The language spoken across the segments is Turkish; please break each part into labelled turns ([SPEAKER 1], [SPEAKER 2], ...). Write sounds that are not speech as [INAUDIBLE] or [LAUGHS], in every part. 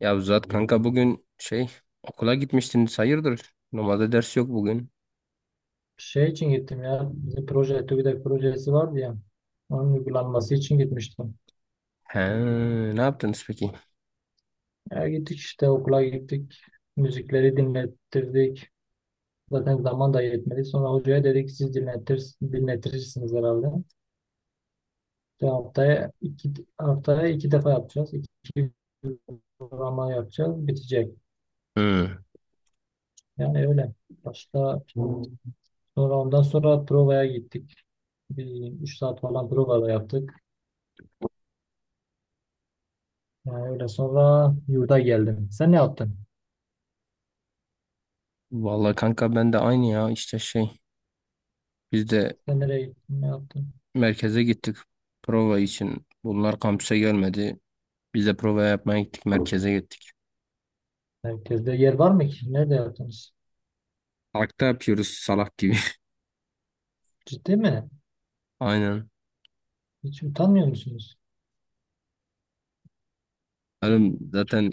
[SPEAKER 1] Ya Zat kanka bugün okula gitmiştiniz, hayırdır? Normalde ders yok bugün.
[SPEAKER 2] Şey için gittim ya. Bizim proje, TÜBİTAK projesi vardı ya. Onun uygulanması için gitmiştim.
[SPEAKER 1] He, ne yaptınız peki?
[SPEAKER 2] Ya gittik işte okula gittik. Müzikleri dinlettirdik. Zaten zaman da yetmedi. Sonra hocaya dedik siz dinletirsiniz herhalde. İşte haftaya iki defa yapacağız. İki uygulama yapacağız. Bitecek.
[SPEAKER 1] Hı.
[SPEAKER 2] Yani öyle. Başta sonra ondan sonra provaya gittik. Bir 3 saat falan prova da yaptık. Yani öyle sonra yurda geldim. Sen ne yaptın?
[SPEAKER 1] Vallahi kanka ben de aynı ya, işte biz de
[SPEAKER 2] Sen nereye gittin? Ne yaptın?
[SPEAKER 1] merkeze gittik, prova için. Bunlar kampüse gelmedi. Biz de prova yapmaya gittik, merkeze gittik.
[SPEAKER 2] Merkezde yer var mı ki? Nerede yaptınız?
[SPEAKER 1] Parkta yapıyoruz salak gibi.
[SPEAKER 2] Ciddi mi?
[SPEAKER 1] [LAUGHS] Aynen.
[SPEAKER 2] Hiç utanmıyor musunuz?
[SPEAKER 1] Oğlum zaten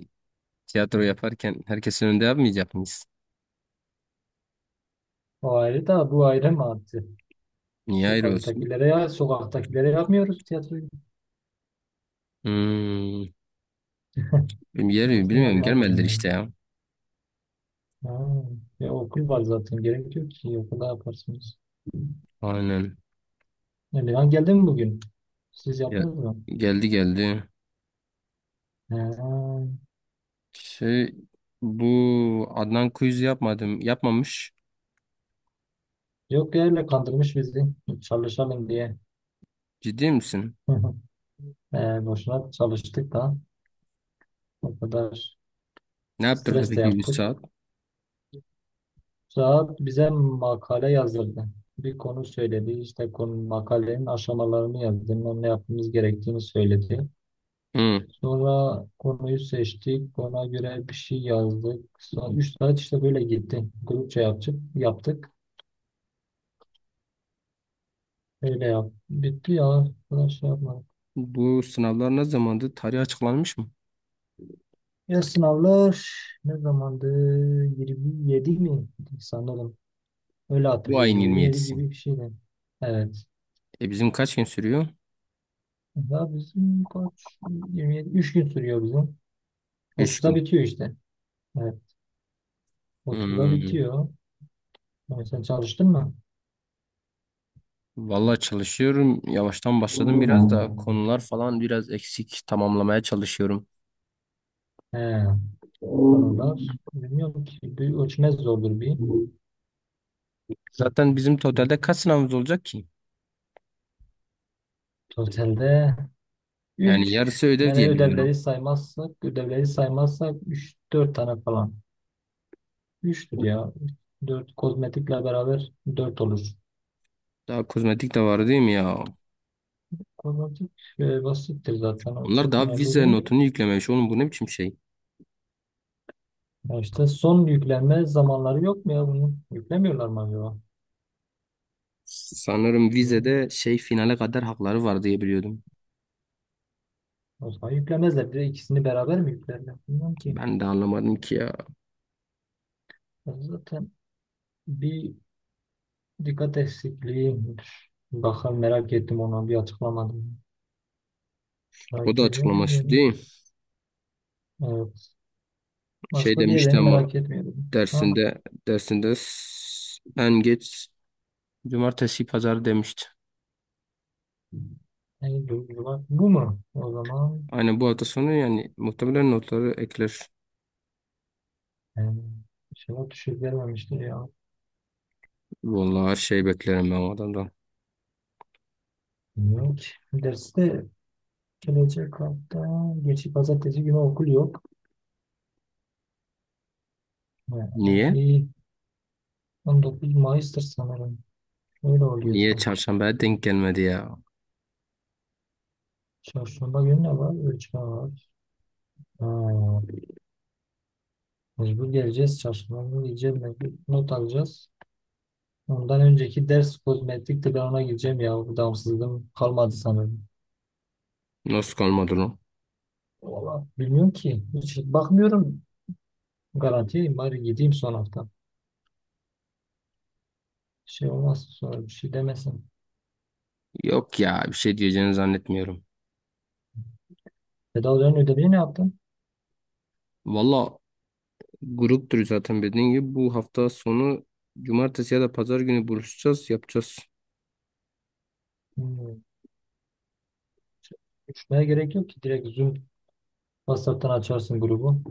[SPEAKER 1] tiyatro yaparken herkesin önünde yapmayacak mıyız?
[SPEAKER 2] O ayrı da bu ayrı mı artık?
[SPEAKER 1] Niye ayrı olsun?
[SPEAKER 2] Sokaktakilere ya sokaktakilere yapmıyoruz tiyatroyu.
[SPEAKER 1] Hmm, bilmiyorum,
[SPEAKER 2] Nasıl
[SPEAKER 1] bilmiyorum,
[SPEAKER 2] yapmaz mı
[SPEAKER 1] gelmediler
[SPEAKER 2] ya?
[SPEAKER 1] işte ya.
[SPEAKER 2] Ha, ya okul var zaten. Gerek yok ki okulda yaparsınız.
[SPEAKER 1] Aynen.
[SPEAKER 2] Emirhan geldi mi bugün? Siz
[SPEAKER 1] Ya,
[SPEAKER 2] yaptınız mı?
[SPEAKER 1] geldi geldi.
[SPEAKER 2] Ha,
[SPEAKER 1] Şey, bu Adnan quiz yapmadım. Yapmamış.
[SPEAKER 2] yok ya öyle kandırmış bizi. Çalışalım diye.
[SPEAKER 1] Ciddi misin?
[SPEAKER 2] [LAUGHS] Boşuna çalıştık da o kadar
[SPEAKER 1] Ne yaptırdı
[SPEAKER 2] stres de
[SPEAKER 1] peki 3
[SPEAKER 2] yaptık.
[SPEAKER 1] saat?
[SPEAKER 2] Saat bize makale yazdırdı. Bir konu söyledi. İşte konu makalenin aşamalarını yazdı. Ne yapmamız gerektiğini söyledi.
[SPEAKER 1] Hı.
[SPEAKER 2] Sonra konuyu seçtik. Ona göre bir şey yazdık. Sonra 3 saat işte böyle gitti. Grupça yaptık. Yaptık. Öyle yap. Bitti ya. Daha şey yapmadık.
[SPEAKER 1] Bu sınavlar ne zamandı? Tarih açıklanmış mı?
[SPEAKER 2] Ya sınavlar ne zamandı? 27 mi? Sanırım. Öyle
[SPEAKER 1] Bu ayın
[SPEAKER 2] hatırlıyorum. 27
[SPEAKER 1] 27'si.
[SPEAKER 2] gibi bir şeydi. Evet.
[SPEAKER 1] E bizim kaç gün sürüyor?
[SPEAKER 2] Daha bizim kaç? 27. 3 gün sürüyor bizim.
[SPEAKER 1] Üç
[SPEAKER 2] 30'da
[SPEAKER 1] gün.
[SPEAKER 2] bitiyor işte. Evet. 30'da
[SPEAKER 1] Hmm.
[SPEAKER 2] bitiyor. Yani sen çalıştın mı?
[SPEAKER 1] Vallahi çalışıyorum. Yavaştan başladım, biraz da konular falan biraz eksik, tamamlamaya çalışıyorum.
[SPEAKER 2] He, konular. Bilmiyorum ki. Bir ölçmez zordur bir.
[SPEAKER 1] Zaten bizim totalde kaç sınavımız olacak ki?
[SPEAKER 2] Totalde
[SPEAKER 1] Yani
[SPEAKER 2] 3.
[SPEAKER 1] yarısı ödev
[SPEAKER 2] Yani
[SPEAKER 1] diye biliyorum.
[SPEAKER 2] ödevleri saymazsak üç, dört tane falan. 3'tür ya. 4, kozmetikle beraber dört olur.
[SPEAKER 1] Daha kozmetik de var değil mi ya?
[SPEAKER 2] Kozmetik basittir zaten. O
[SPEAKER 1] Onlar
[SPEAKER 2] çok
[SPEAKER 1] daha
[SPEAKER 2] önemli
[SPEAKER 1] vize
[SPEAKER 2] değil.
[SPEAKER 1] notunu yüklememiş. Oğlum bu ne biçim şey?
[SPEAKER 2] Ya işte son yüklenme zamanları yok mu ya bunun? Yüklemiyorlar mı acaba?
[SPEAKER 1] Sanırım
[SPEAKER 2] Yok.
[SPEAKER 1] vizede şey finale kadar hakları var diye biliyordum.
[SPEAKER 2] O zaman yüklemezler. Bir de ikisini beraber mi yüklerler? Bilmiyorum ki.
[SPEAKER 1] Ben de anlamadım ki ya.
[SPEAKER 2] Zaten bir dikkat eksikliği midir? Bakalım merak ettim onu bir açıklamadım.
[SPEAKER 1] O da
[SPEAKER 2] Merak ediyorum
[SPEAKER 1] açıklaması
[SPEAKER 2] diyelim.
[SPEAKER 1] değil.
[SPEAKER 2] Evet.
[SPEAKER 1] Şey
[SPEAKER 2] Başka
[SPEAKER 1] demişti
[SPEAKER 2] diğerlerini
[SPEAKER 1] ama
[SPEAKER 2] merak etmiyorum. Ha?
[SPEAKER 1] dersinde dersinde en geç cumartesi pazar demişti.
[SPEAKER 2] Yani duygular. Bu mu? O zaman
[SPEAKER 1] Aynen, bu hafta sonu yani muhtemelen notları ekler.
[SPEAKER 2] yani, inşallah düşük vermemiştir ya.
[SPEAKER 1] Vallahi her şey beklerim ben o adamdan.
[SPEAKER 2] Bilmiyorum ki. Derste gelecek hafta geçip pazartesi günü okul yok. Ha,
[SPEAKER 1] Niye?
[SPEAKER 2] iyi. 19 Mayıs'tır sanırım. Öyle oluyor
[SPEAKER 1] Niye
[SPEAKER 2] sanki.
[SPEAKER 1] çarşambaya denk gelmedi ya?
[SPEAKER 2] Çarşamba günü ne var? Ölçme var. Ha, mecbur geleceğiz. Çarşamba günü gideceğim. Mecbur not alacağız. Ondan önceki ders kozmetikti. Ben ona gideceğim ya. Bu devamsızlığım kalmadı sanırım.
[SPEAKER 1] Nasıl kalmadı lan?
[SPEAKER 2] Valla bilmiyorum ki. Hiç bakmıyorum. Garantiyeyim. Bari gideyim son hafta. Şey olmaz. Sonra bir şey demesin.
[SPEAKER 1] Yok ya, bir şey diyeceğini zannetmiyorum.
[SPEAKER 2] Tedavilerin ödevini ne yaptın?
[SPEAKER 1] Valla gruptur zaten dediğin gibi. Bu hafta sonu cumartesi ya da pazar günü buluşacağız, yapacağız.
[SPEAKER 2] Hmm. Uçmaya gerek yok ki. Direkt Zoom WhatsApp'tan açarsın grubu.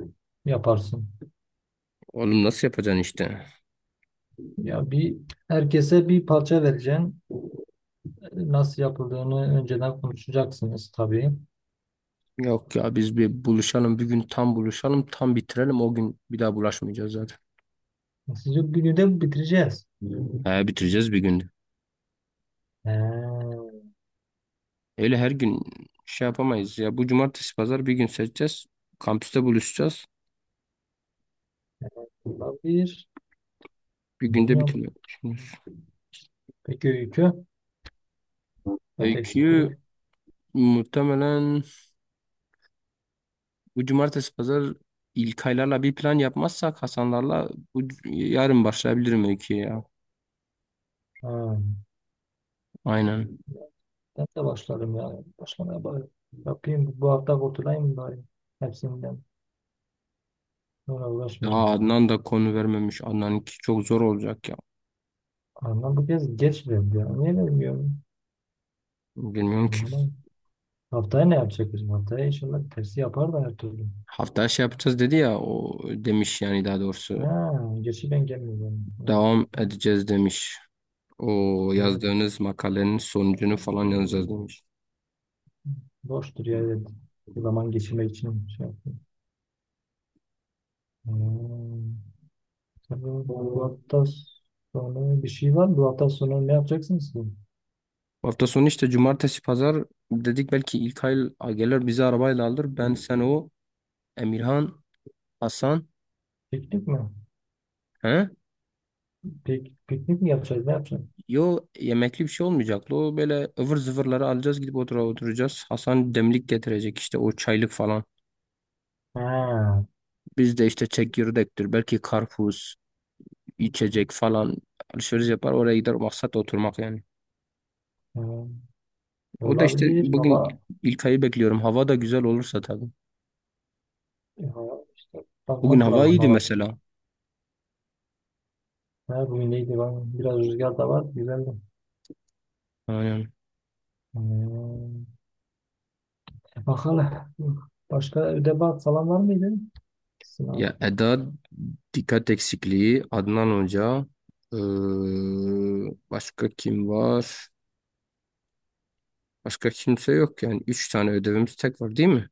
[SPEAKER 2] Yaparsın.
[SPEAKER 1] Oğlum nasıl yapacaksın işte?
[SPEAKER 2] Ya herkese bir parça vereceksin. Nasıl yapıldığını önceden konuşacaksınız tabii.
[SPEAKER 1] Yok ya, biz bir buluşalım bir gün, tam buluşalım tam bitirelim o gün, bir daha bulaşmayacağız zaten.
[SPEAKER 2] Sizi günü de bitireceğiz.
[SPEAKER 1] He, bitireceğiz bir günde.
[SPEAKER 2] He,
[SPEAKER 1] Öyle her gün yapamayız ya. Bu cumartesi pazar bir gün seçeceğiz. Kampüste buluşacağız.
[SPEAKER 2] olabilir.
[SPEAKER 1] Bir günde
[SPEAKER 2] Bilmiyorum.
[SPEAKER 1] bitiriyor. Şimdi
[SPEAKER 2] Peki öykü ve
[SPEAKER 1] öyküyü
[SPEAKER 2] eksikliği.
[SPEAKER 1] muhtemelen bu cumartesi pazar, İlkaylarla bir plan yapmazsak Hasanlarla, yarın başlayabilirim öyküye ya.
[SPEAKER 2] Ha,
[SPEAKER 1] Aynen.
[SPEAKER 2] ben de başlarım ya. Başlamaya bari. Yapayım. Bu hafta kurtulayım bari. Hepsinden. Sonra
[SPEAKER 1] Ya
[SPEAKER 2] uğraşmayayım.
[SPEAKER 1] Adnan da konu vermemiş. Adnan'ınki çok zor olacak ya.
[SPEAKER 2] Ama bu kez geç verdi ya. Niye vermiyorum?
[SPEAKER 1] Bilmiyorum ki.
[SPEAKER 2] Anlamadım. Haftaya ne yapacak bizim? Haftaya inşallah tersi yapar da her türlü.
[SPEAKER 1] Haftaya şey yapacağız dedi ya, o demiş yani, daha doğrusu.
[SPEAKER 2] Ha, geçi ben gelmiyorum. Ondan.
[SPEAKER 1] Devam edeceğiz demiş. O
[SPEAKER 2] Ha,
[SPEAKER 1] yazdığınız makalenin sonucunu falan yazacağız demiş.
[SPEAKER 2] boştur ya evet. Zaman geçirmek için şey yaptım. Hmm. Tabii bu
[SPEAKER 1] Bu
[SPEAKER 2] hafta sonu bir şey var mı? Bu hafta sonu ne yapacaksınız ki?
[SPEAKER 1] hafta sonu işte cumartesi pazar dedik, belki İlkay gelir bizi arabayla alır. Ben, sen, o, Emirhan, Hasan.
[SPEAKER 2] Piknik mi?
[SPEAKER 1] He?
[SPEAKER 2] Piknik mi yapacağız? Ne yapacağız?
[SPEAKER 1] Yo, yemekli bir şey olmayacaktı. O böyle ıvır zıvırları alacağız gidip oturacağız. Hasan demlik getirecek işte, o çaylık falan.
[SPEAKER 2] Ha,
[SPEAKER 1] Biz de işte çekirdektir, belki karpuz, içecek falan, alışveriş yapar oraya gider, maksat oturmak yani.
[SPEAKER 2] hmm.
[SPEAKER 1] O da işte
[SPEAKER 2] Olabilir.
[SPEAKER 1] bugün ilk
[SPEAKER 2] Hava,
[SPEAKER 1] İlkay'ı bekliyorum. Hava da güzel olursa tabii.
[SPEAKER 2] ya, işte
[SPEAKER 1] Bugün
[SPEAKER 2] bakmak
[SPEAKER 1] hava
[SPEAKER 2] lazım
[SPEAKER 1] iyiydi
[SPEAKER 2] hava.
[SPEAKER 1] mesela.
[SPEAKER 2] Ha, bugün neydi? Biraz rüzgar da var. Güzeldi.
[SPEAKER 1] Aynen.
[SPEAKER 2] Hmm. E, bakalım. Başka ödev falan var mıydı? Sınav.
[SPEAKER 1] Ya Eda, dikkat eksikliği, Adnan Hoca, ee, başka kim var? Başka kimse yok yani. Üç tane ödevimiz tek var değil mi?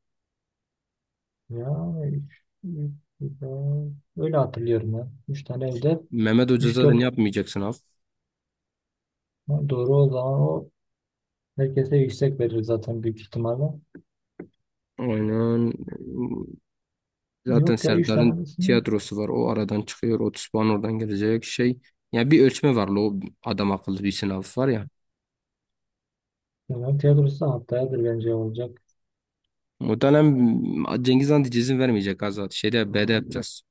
[SPEAKER 2] Ya üç, üç, güzel. Öyle hatırlıyorum ben. Üç tane evde.
[SPEAKER 1] Mehmet Hoca
[SPEAKER 2] Üç
[SPEAKER 1] zaten
[SPEAKER 2] dört.
[SPEAKER 1] yapmayacaksın sınav.
[SPEAKER 2] Ha, doğru o zaman o herkese yüksek verir zaten büyük ihtimalle.
[SPEAKER 1] Aynen. Zaten
[SPEAKER 2] Yok ya üç tane
[SPEAKER 1] Serdar'ın
[SPEAKER 2] tanesini.
[SPEAKER 1] tiyatrosu var. O aradan çıkıyor. Otuz puan oradan gelecek şey. Yani bir ölçme var, la. O adam akıllı bir sınav var ya.
[SPEAKER 2] Hemen tiyatrosu haftayadır bence olacak.
[SPEAKER 1] O dönem Cengiz Han diye izin vermeyecek Azat. Şeyde, B'de yapacağız.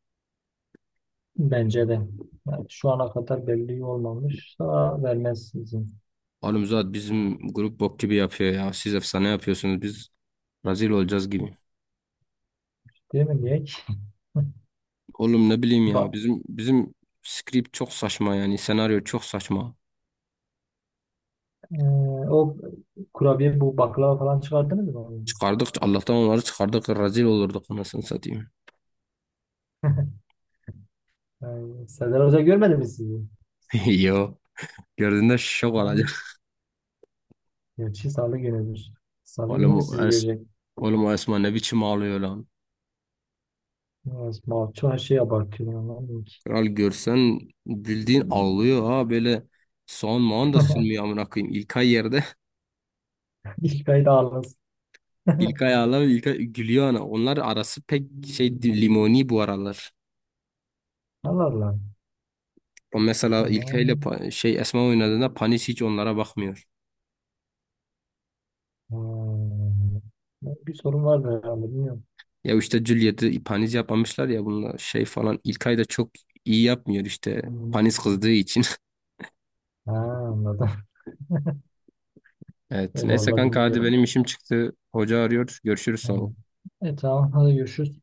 [SPEAKER 2] Bence de. Yani şu ana kadar belli olmamışsa vermez izin.
[SPEAKER 1] Oğlum Zuhat, bizim grup bok gibi yapıyor ya. Siz efsane yapıyorsunuz. Biz rezil olacağız gibi.
[SPEAKER 2] Değil mi? Niye ki? [LAUGHS]
[SPEAKER 1] Oğlum ne bileyim ya.
[SPEAKER 2] Ba
[SPEAKER 1] Bizim script çok saçma yani. Senaryo çok saçma.
[SPEAKER 2] Ee, o kurabiye bu baklava falan çıkardınız mı?
[SPEAKER 1] Çıkardık, Allah'tan onları çıkardık. Rezil olurduk anasını satayım.
[SPEAKER 2] [LAUGHS] Yani Serdar Hoca görmedi mi sizi?
[SPEAKER 1] [LAUGHS] Yo. Gördüğünde şok
[SPEAKER 2] Ha?
[SPEAKER 1] olacak.
[SPEAKER 2] Gerçi salı günüdür. Salı günü
[SPEAKER 1] Oğlum
[SPEAKER 2] mü sizi
[SPEAKER 1] o, es
[SPEAKER 2] görecek?
[SPEAKER 1] Oğlum o Esma ne biçim ağlıyor lan.
[SPEAKER 2] Biraz Malço her şeye abartıyor ya, lan ki.
[SPEAKER 1] Kral görsen bildiğin ağlıyor ha, böyle soğan mağan da sürmüyor
[SPEAKER 2] [LAUGHS]
[SPEAKER 1] amına koyayım. İlkay yerde.
[SPEAKER 2] İlk ayda ağlasın.
[SPEAKER 1] [LAUGHS]
[SPEAKER 2] [LAUGHS]
[SPEAKER 1] İlkay ağlar, İlkay gülüyor ana. Onlar arası pek limoni bu aralar.
[SPEAKER 2] Allah Allah.
[SPEAKER 1] O mesela İlkay ile
[SPEAKER 2] Ama-
[SPEAKER 1] Esma oynadığında Panis hiç onlara bakmıyor.
[SPEAKER 2] Hmm. Bir sorun var herhalde bilmiyorum.
[SPEAKER 1] Ya işte Juliet'i Panis yapamışlar ya bunlar şey falan. İlkay da çok iyi yapmıyor işte, Panis kızdığı için. [LAUGHS]
[SPEAKER 2] Ha, anladım. [LAUGHS]
[SPEAKER 1] Evet
[SPEAKER 2] E,
[SPEAKER 1] neyse
[SPEAKER 2] vallahi
[SPEAKER 1] kanka, hadi
[SPEAKER 2] bilmiyorum.
[SPEAKER 1] benim işim çıktı. Hoca arıyor. Görüşürüz
[SPEAKER 2] Ha.
[SPEAKER 1] sonra.
[SPEAKER 2] E tamam hadi görüşürüz.